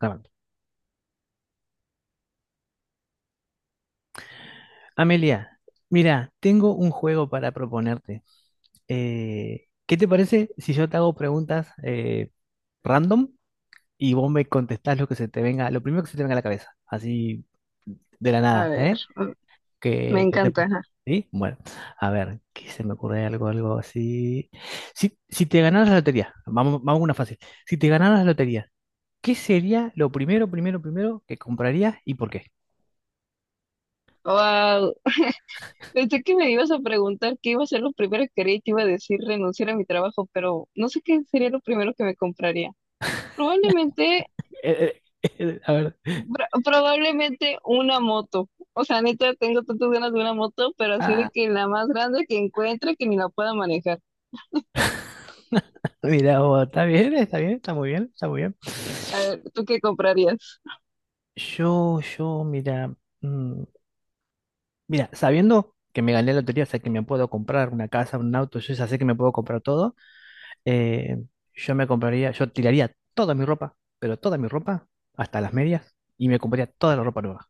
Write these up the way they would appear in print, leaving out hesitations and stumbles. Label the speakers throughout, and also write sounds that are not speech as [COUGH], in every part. Speaker 1: Grabando. Amelia, mira, tengo un juego para proponerte. ¿Qué te parece si yo te hago preguntas random y vos me contestás lo que se te venga, lo primero que se te venga a la cabeza, así de la
Speaker 2: A
Speaker 1: nada,
Speaker 2: ver,
Speaker 1: ¿eh?
Speaker 2: mm, me
Speaker 1: Que te...
Speaker 2: encanta. Ajá.
Speaker 1: ¿Sí? Bueno, a ver, ¿qué se me ocurre algo así. Si te ganaras la lotería, vamos, vamos a una fácil. Si te ganaras la lotería, ¿qué sería lo primero, primero, primero que comprarías y por qué?
Speaker 2: Wow, pensé que me ibas a preguntar qué iba a ser lo primero que haría y te iba a decir renunciar a mi trabajo, pero no sé qué sería lo primero que me compraría. Probablemente,
Speaker 1: [LAUGHS] A ver.
Speaker 2: probablemente una moto. O sea, neta, tengo tantas ganas de una moto, pero así de
Speaker 1: Ah,
Speaker 2: que la más grande que encuentre que ni la pueda manejar.
Speaker 1: mira, oh, está bien, está bien, está muy bien, está muy bien.
Speaker 2: A ver, ¿tú qué comprarías?
Speaker 1: Yo, mira, mm, mira, sabiendo que me gané la lotería, o sea, que me puedo comprar una casa, un auto, yo ya sé que me puedo comprar todo, eh, yo me compraría, yo tiraría toda mi ropa, pero toda mi ropa, hasta las medias, y me compraría toda la ropa nueva.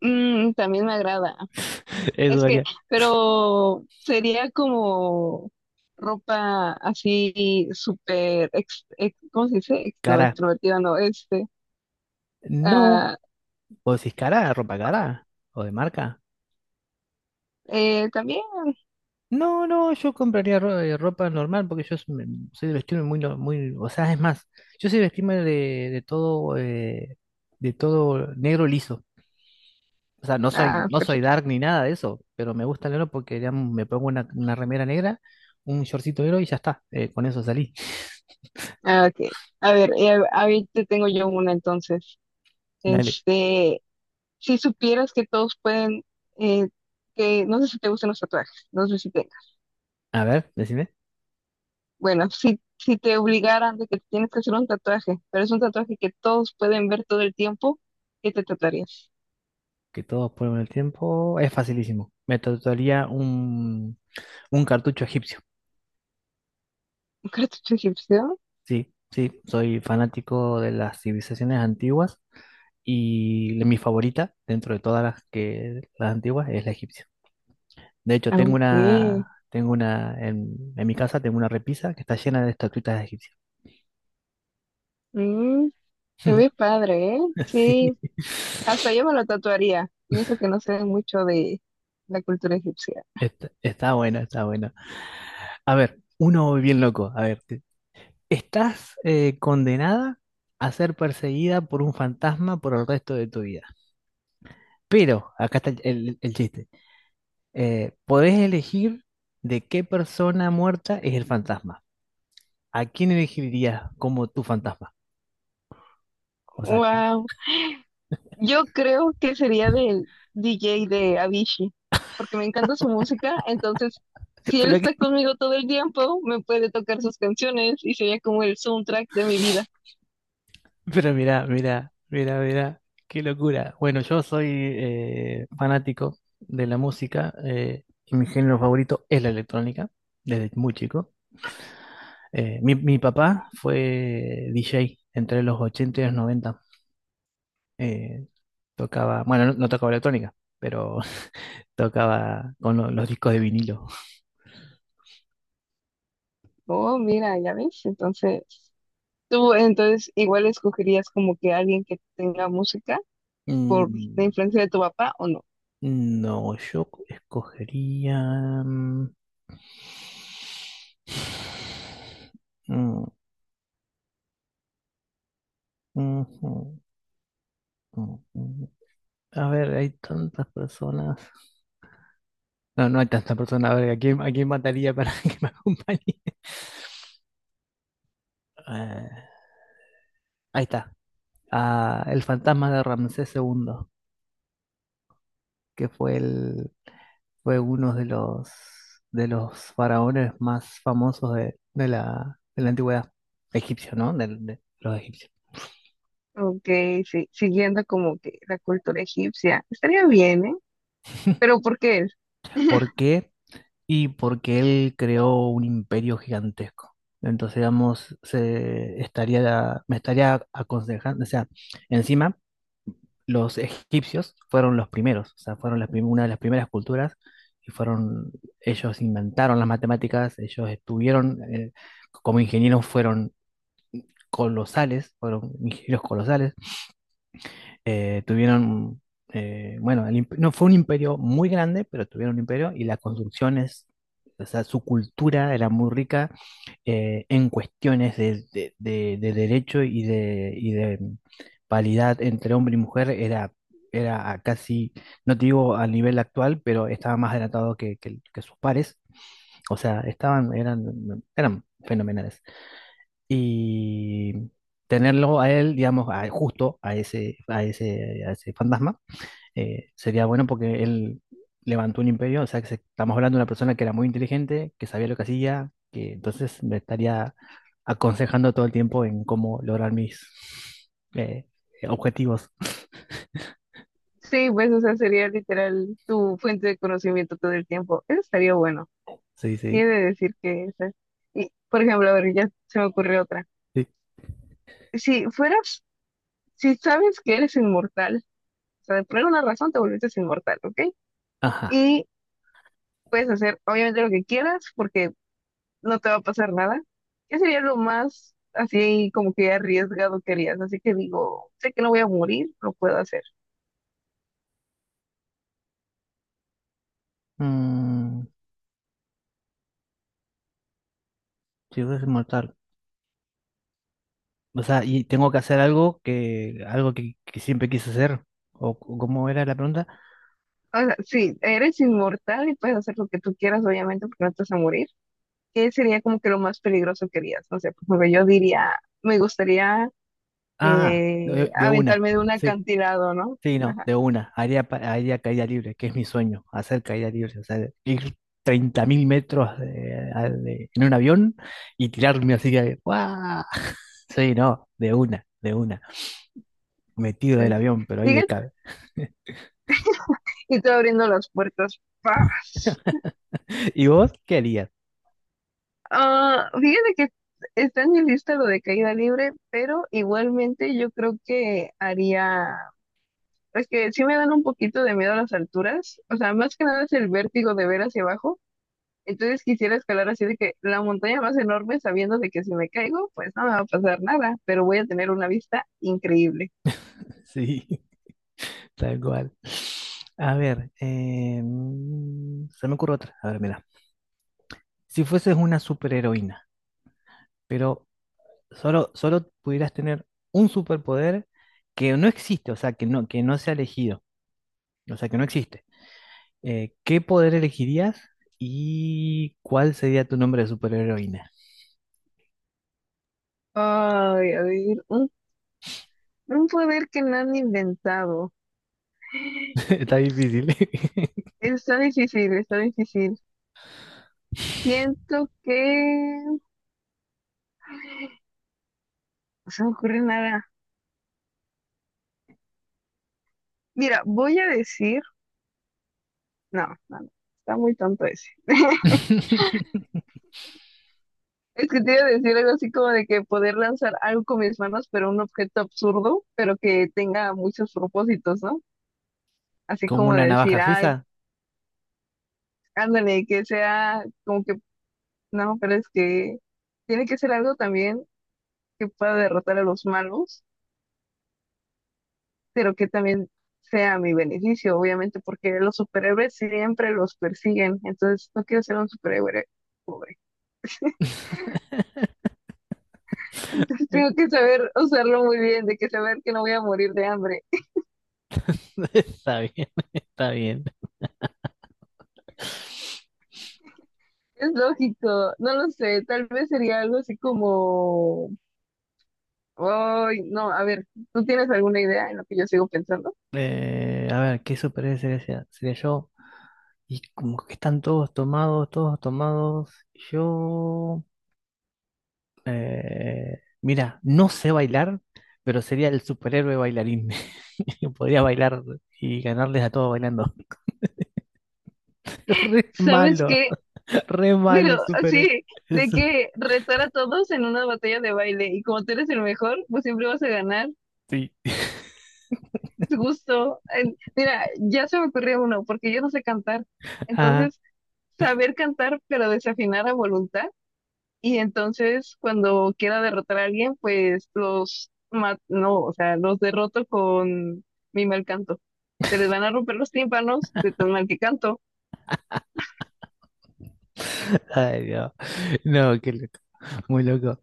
Speaker 2: Mm, también me agrada.
Speaker 1: [LAUGHS] Eso
Speaker 2: Es que,
Speaker 1: haría.
Speaker 2: pero sería como ropa así súper, ¿cómo se dice? No,
Speaker 1: Cara,
Speaker 2: extrovertida, no, este.
Speaker 1: no,
Speaker 2: Ah,
Speaker 1: o decís cara, ropa cara, o de marca.
Speaker 2: también.
Speaker 1: No, no, yo compraría ropa normal porque soy de vestirme muy, no- muy, o sea, es más, yo soy de vestirme de todo negro liso. O sea, no soy,
Speaker 2: Ah,
Speaker 1: no soy
Speaker 2: perfecto.
Speaker 1: dark ni nada de eso, pero me gusta el negro porque digamos, me pongo una remera negra, un shortcito negro y ya está. Con eso salí. [LAUGHS]
Speaker 2: Ah, ok. A ver, ahí te tengo yo una entonces.
Speaker 1: Dale.
Speaker 2: Este, si supieras que todos pueden, eh, que no sé si te gustan los tatuajes, no sé si tengas.
Speaker 1: A ver, decime,
Speaker 2: Bueno, si te obligaran de que tienes que hacer un tatuaje, pero es un tatuaje que todos pueden ver todo el tiempo, ¿qué te tatuarías?
Speaker 1: que todos ponen el tiempo. Es facilísimo. Me tatuaría un cartucho egipcio.
Speaker 2: ¿Cartucho egipcio?
Speaker 1: Sí, sí, soy fanático de las civilizaciones antiguas y mi favorita dentro de todas las que las antiguas es la egipcia. De hecho,
Speaker 2: Aunque,
Speaker 1: tengo una en mi casa tengo una repisa que está llena de estatuitas egipcias.
Speaker 2: mm, se ve
Speaker 1: [LAUGHS]
Speaker 2: padre, ¿eh?
Speaker 1: Sí,
Speaker 2: Sí, hasta yo me lo tatuaría. Y eso que no sé mucho de la cultura egipcia.
Speaker 1: está, está bueno, está bueno. A ver, uno bien loco. A ver, estás condenada a ser perseguida por un fantasma por el resto de tu vida. Pero, acá está el chiste. Podés elegir de qué persona muerta es el fantasma. ¿A quién elegirías como tu fantasma? O sea, que...
Speaker 2: Wow. Yo creo que sería del DJ de Avicii, porque me encanta su música. Entonces,
Speaker 1: [LAUGHS]
Speaker 2: si él
Speaker 1: pero, que...
Speaker 2: está conmigo todo el tiempo, me puede tocar sus canciones y sería como el soundtrack de mi vida.
Speaker 1: pero mira, mira, mira, mira, qué locura. Bueno, yo soy fanático de la música y mi género favorito es la electrónica, desde muy chico. Mi papá fue DJ entre los 80 y los 90. Eh, Tocaba, bueno, no tocaba electrónica, pero [LAUGHS] tocaba con los discos de vinilo.
Speaker 2: Oh, mira, ya ves. Entonces, tú entonces igual escogerías como que alguien que tenga música, por la
Speaker 1: Mm,
Speaker 2: influencia de tu papá o no.
Speaker 1: no, escogería... mm, [SIGHS] mm, ujú, mm, mm. A ver, hay tantas personas. No, no hay tantas personas. A ver, a quién mataría para [LAUGHS] que me acompañe? Eh, ahí está. Ah, el fantasma de Ramsés segundo, que fue el, fue uno de los faraones más famosos de la antigüedad egipcia, ¿no? De, los egipcios.
Speaker 2: Ok, sí, siguiendo como que la cultura egipcia. Estaría bien, ¿eh?
Speaker 1: [LAUGHS]
Speaker 2: Pero ¿por qué es?
Speaker 1: ¿Por
Speaker 2: [LAUGHS]
Speaker 1: qué? Y porque él creó un imperio gigantesco. Entonces, digamos, me estaría aconsejando, o sea, encima los egipcios fueron los primeros, o sea, fueron una de las primeras culturas y fueron, ellos inventaron las matemáticas, ellos estuvieron, como ingenieros fueron colosales, fueron ingenieros colosales tuvieron, bueno, no fue un imperio muy grande, pero tuvieron un imperio y las construcciones, o sea, su cultura era muy rica en cuestiones de, de derecho y de paridad entre hombre y mujer, era, era a casi, no te digo al nivel actual, pero estaba más adelantado que, que sus pares. O sea, estaban, eran, eran fenomenales y tenerlo a él, digamos, justo a ese, a ese, a ese fantasma, sería bueno porque él levantó un imperio, o sea, estamos hablando de una persona que era muy inteligente, que sabía lo que hacía, que entonces me estaría aconsejando todo el tiempo en cómo lograr mis eh, objetivos.
Speaker 2: Sí, pues, o sea, sería literal tu fuente de conocimiento todo el tiempo. Eso estaría bueno.
Speaker 1: Sí,
Speaker 2: Sí, he
Speaker 1: sí,
Speaker 2: de decir que esa es. Y, por ejemplo, a ver, ya se me ocurrió otra.
Speaker 1: sí.
Speaker 2: Si fueras, si sabes que eres inmortal, o sea, por alguna razón te volviste inmortal, ¿ok?
Speaker 1: Ajá.
Speaker 2: Y puedes hacer, obviamente, lo que quieras, porque no te va a pasar nada. ¿Qué sería lo más así como que arriesgado que harías? Así que digo, sé que no voy a morir, lo puedo hacer.
Speaker 1: Mm, si fuese inmortal. O sea, y tengo que hacer algo que, que siempre quise hacer. O cómo era la pregunta?
Speaker 2: O sea, sí, eres inmortal y puedes hacer lo que tú quieras, obviamente, porque no te vas a morir. ¿Qué sería como que lo más peligroso que harías? No sé, porque yo diría, me gustaría
Speaker 1: Ah, de una.
Speaker 2: aventarme de un
Speaker 1: Sí,
Speaker 2: acantilado, ¿no?
Speaker 1: sí, no,
Speaker 2: Ajá.
Speaker 1: de una. Haría, haría caída libre, que es mi sueño, hacer caída libre. O sea, ir 30.000 metros en un avión y tirarme así que. ¡Guau! [LAUGHS] Sí, no, de una, de una. Metido del
Speaker 2: Ok.
Speaker 1: avión, pero ahí de
Speaker 2: Fíjate,
Speaker 1: cabe.
Speaker 2: y tú abriendo las puertas, ¡paz!
Speaker 1: [LAUGHS] ¿Y vos qué harías?
Speaker 2: Ah, fíjate que está en mi lista lo de caída libre, pero igualmente yo creo que haría, es que sí me dan un poquito de miedo a las alturas, o sea, más que nada es el vértigo de ver hacia abajo, entonces quisiera escalar así de que la montaña más enorme sabiendo de que si me caigo, pues no me va a pasar nada, pero voy a tener una vista increíble.
Speaker 1: Sí, [LAUGHS] tal cual. A ver, se me ocurre otra. A ver, mira. Si fueses una superheroína, pero solo pudieras tener un superpoder que no existe, o sea, que no se ha elegido, o sea, que no existe. ¿Qué poder elegirías y cuál sería tu nombre de superheroína?
Speaker 2: Ay, a ver, un poder que no han inventado.
Speaker 1: [LAUGHS] Está difícil.
Speaker 2: Está difícil, está difícil. Siento que… no se me ocurre nada. Mira, voy a decir. No, no, no. Está muy tonto ese.
Speaker 1: [LAUGHS]
Speaker 2: Es que te iba a decir algo así como de que poder lanzar algo con mis manos, pero un objeto absurdo, pero que tenga muchos propósitos, ¿no? Así
Speaker 1: ¿Como
Speaker 2: como
Speaker 1: una
Speaker 2: de decir,
Speaker 1: navaja
Speaker 2: ay,
Speaker 1: suiza?
Speaker 2: ándale, que sea como que. No, pero es que tiene que ser algo también que pueda derrotar a los malos, pero que también sea a mi beneficio, obviamente, porque los superhéroes siempre los persiguen. Entonces, no quiero ser un superhéroe pobre.
Speaker 1: [LAUGHS]
Speaker 2: Entonces tengo que saber usarlo muy bien, de que saber que no voy a morir de hambre.
Speaker 1: Está bien, [LAUGHS] está bien.
Speaker 2: Es lógico, no lo sé, tal vez sería algo así como… ay, no, a ver, ¿tú tienes alguna idea en lo que yo sigo pensando?
Speaker 1: A ver, ¿qué superhéroe sería yo? Y como que están todos tomados, todos tomados. Yo mira, no sé bailar, pero sería el superhéroe bailarín. [LAUGHS] Podría bailar y ganarles a todos bailando. [LAUGHS] Re
Speaker 2: ¿Sabes
Speaker 1: malo,
Speaker 2: qué?
Speaker 1: re malo el
Speaker 2: Pero
Speaker 1: superhéroe.
Speaker 2: así,
Speaker 1: [LAUGHS]
Speaker 2: de
Speaker 1: Eso
Speaker 2: que retar a todos en una batalla de baile y como tú eres el mejor, pues siempre vas a ganar.
Speaker 1: sí.
Speaker 2: Es justo. Mira, ya se me ocurrió uno, porque yo no sé cantar.
Speaker 1: Ah,
Speaker 2: Entonces, saber cantar pero desafinar a voluntad. Y entonces, cuando quiera derrotar a alguien, pues no, o sea, los derroto con mi mal canto. Se les van a romper los tímpanos de tan mal que canto.
Speaker 1: ay, no. No, qué loco. Muy loco.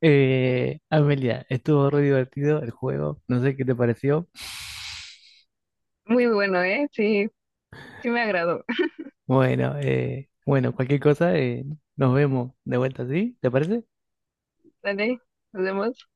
Speaker 1: Amelia, estuvo re divertido el juego. No sé qué te pareció.
Speaker 2: Muy bueno, ¿eh? Sí, sí me agradó. [LAUGHS]
Speaker 1: Bueno, bueno, cualquier cosa, nos vemos de vuelta, ¿sí? ¿Te parece?
Speaker 2: Dale, nos vemos.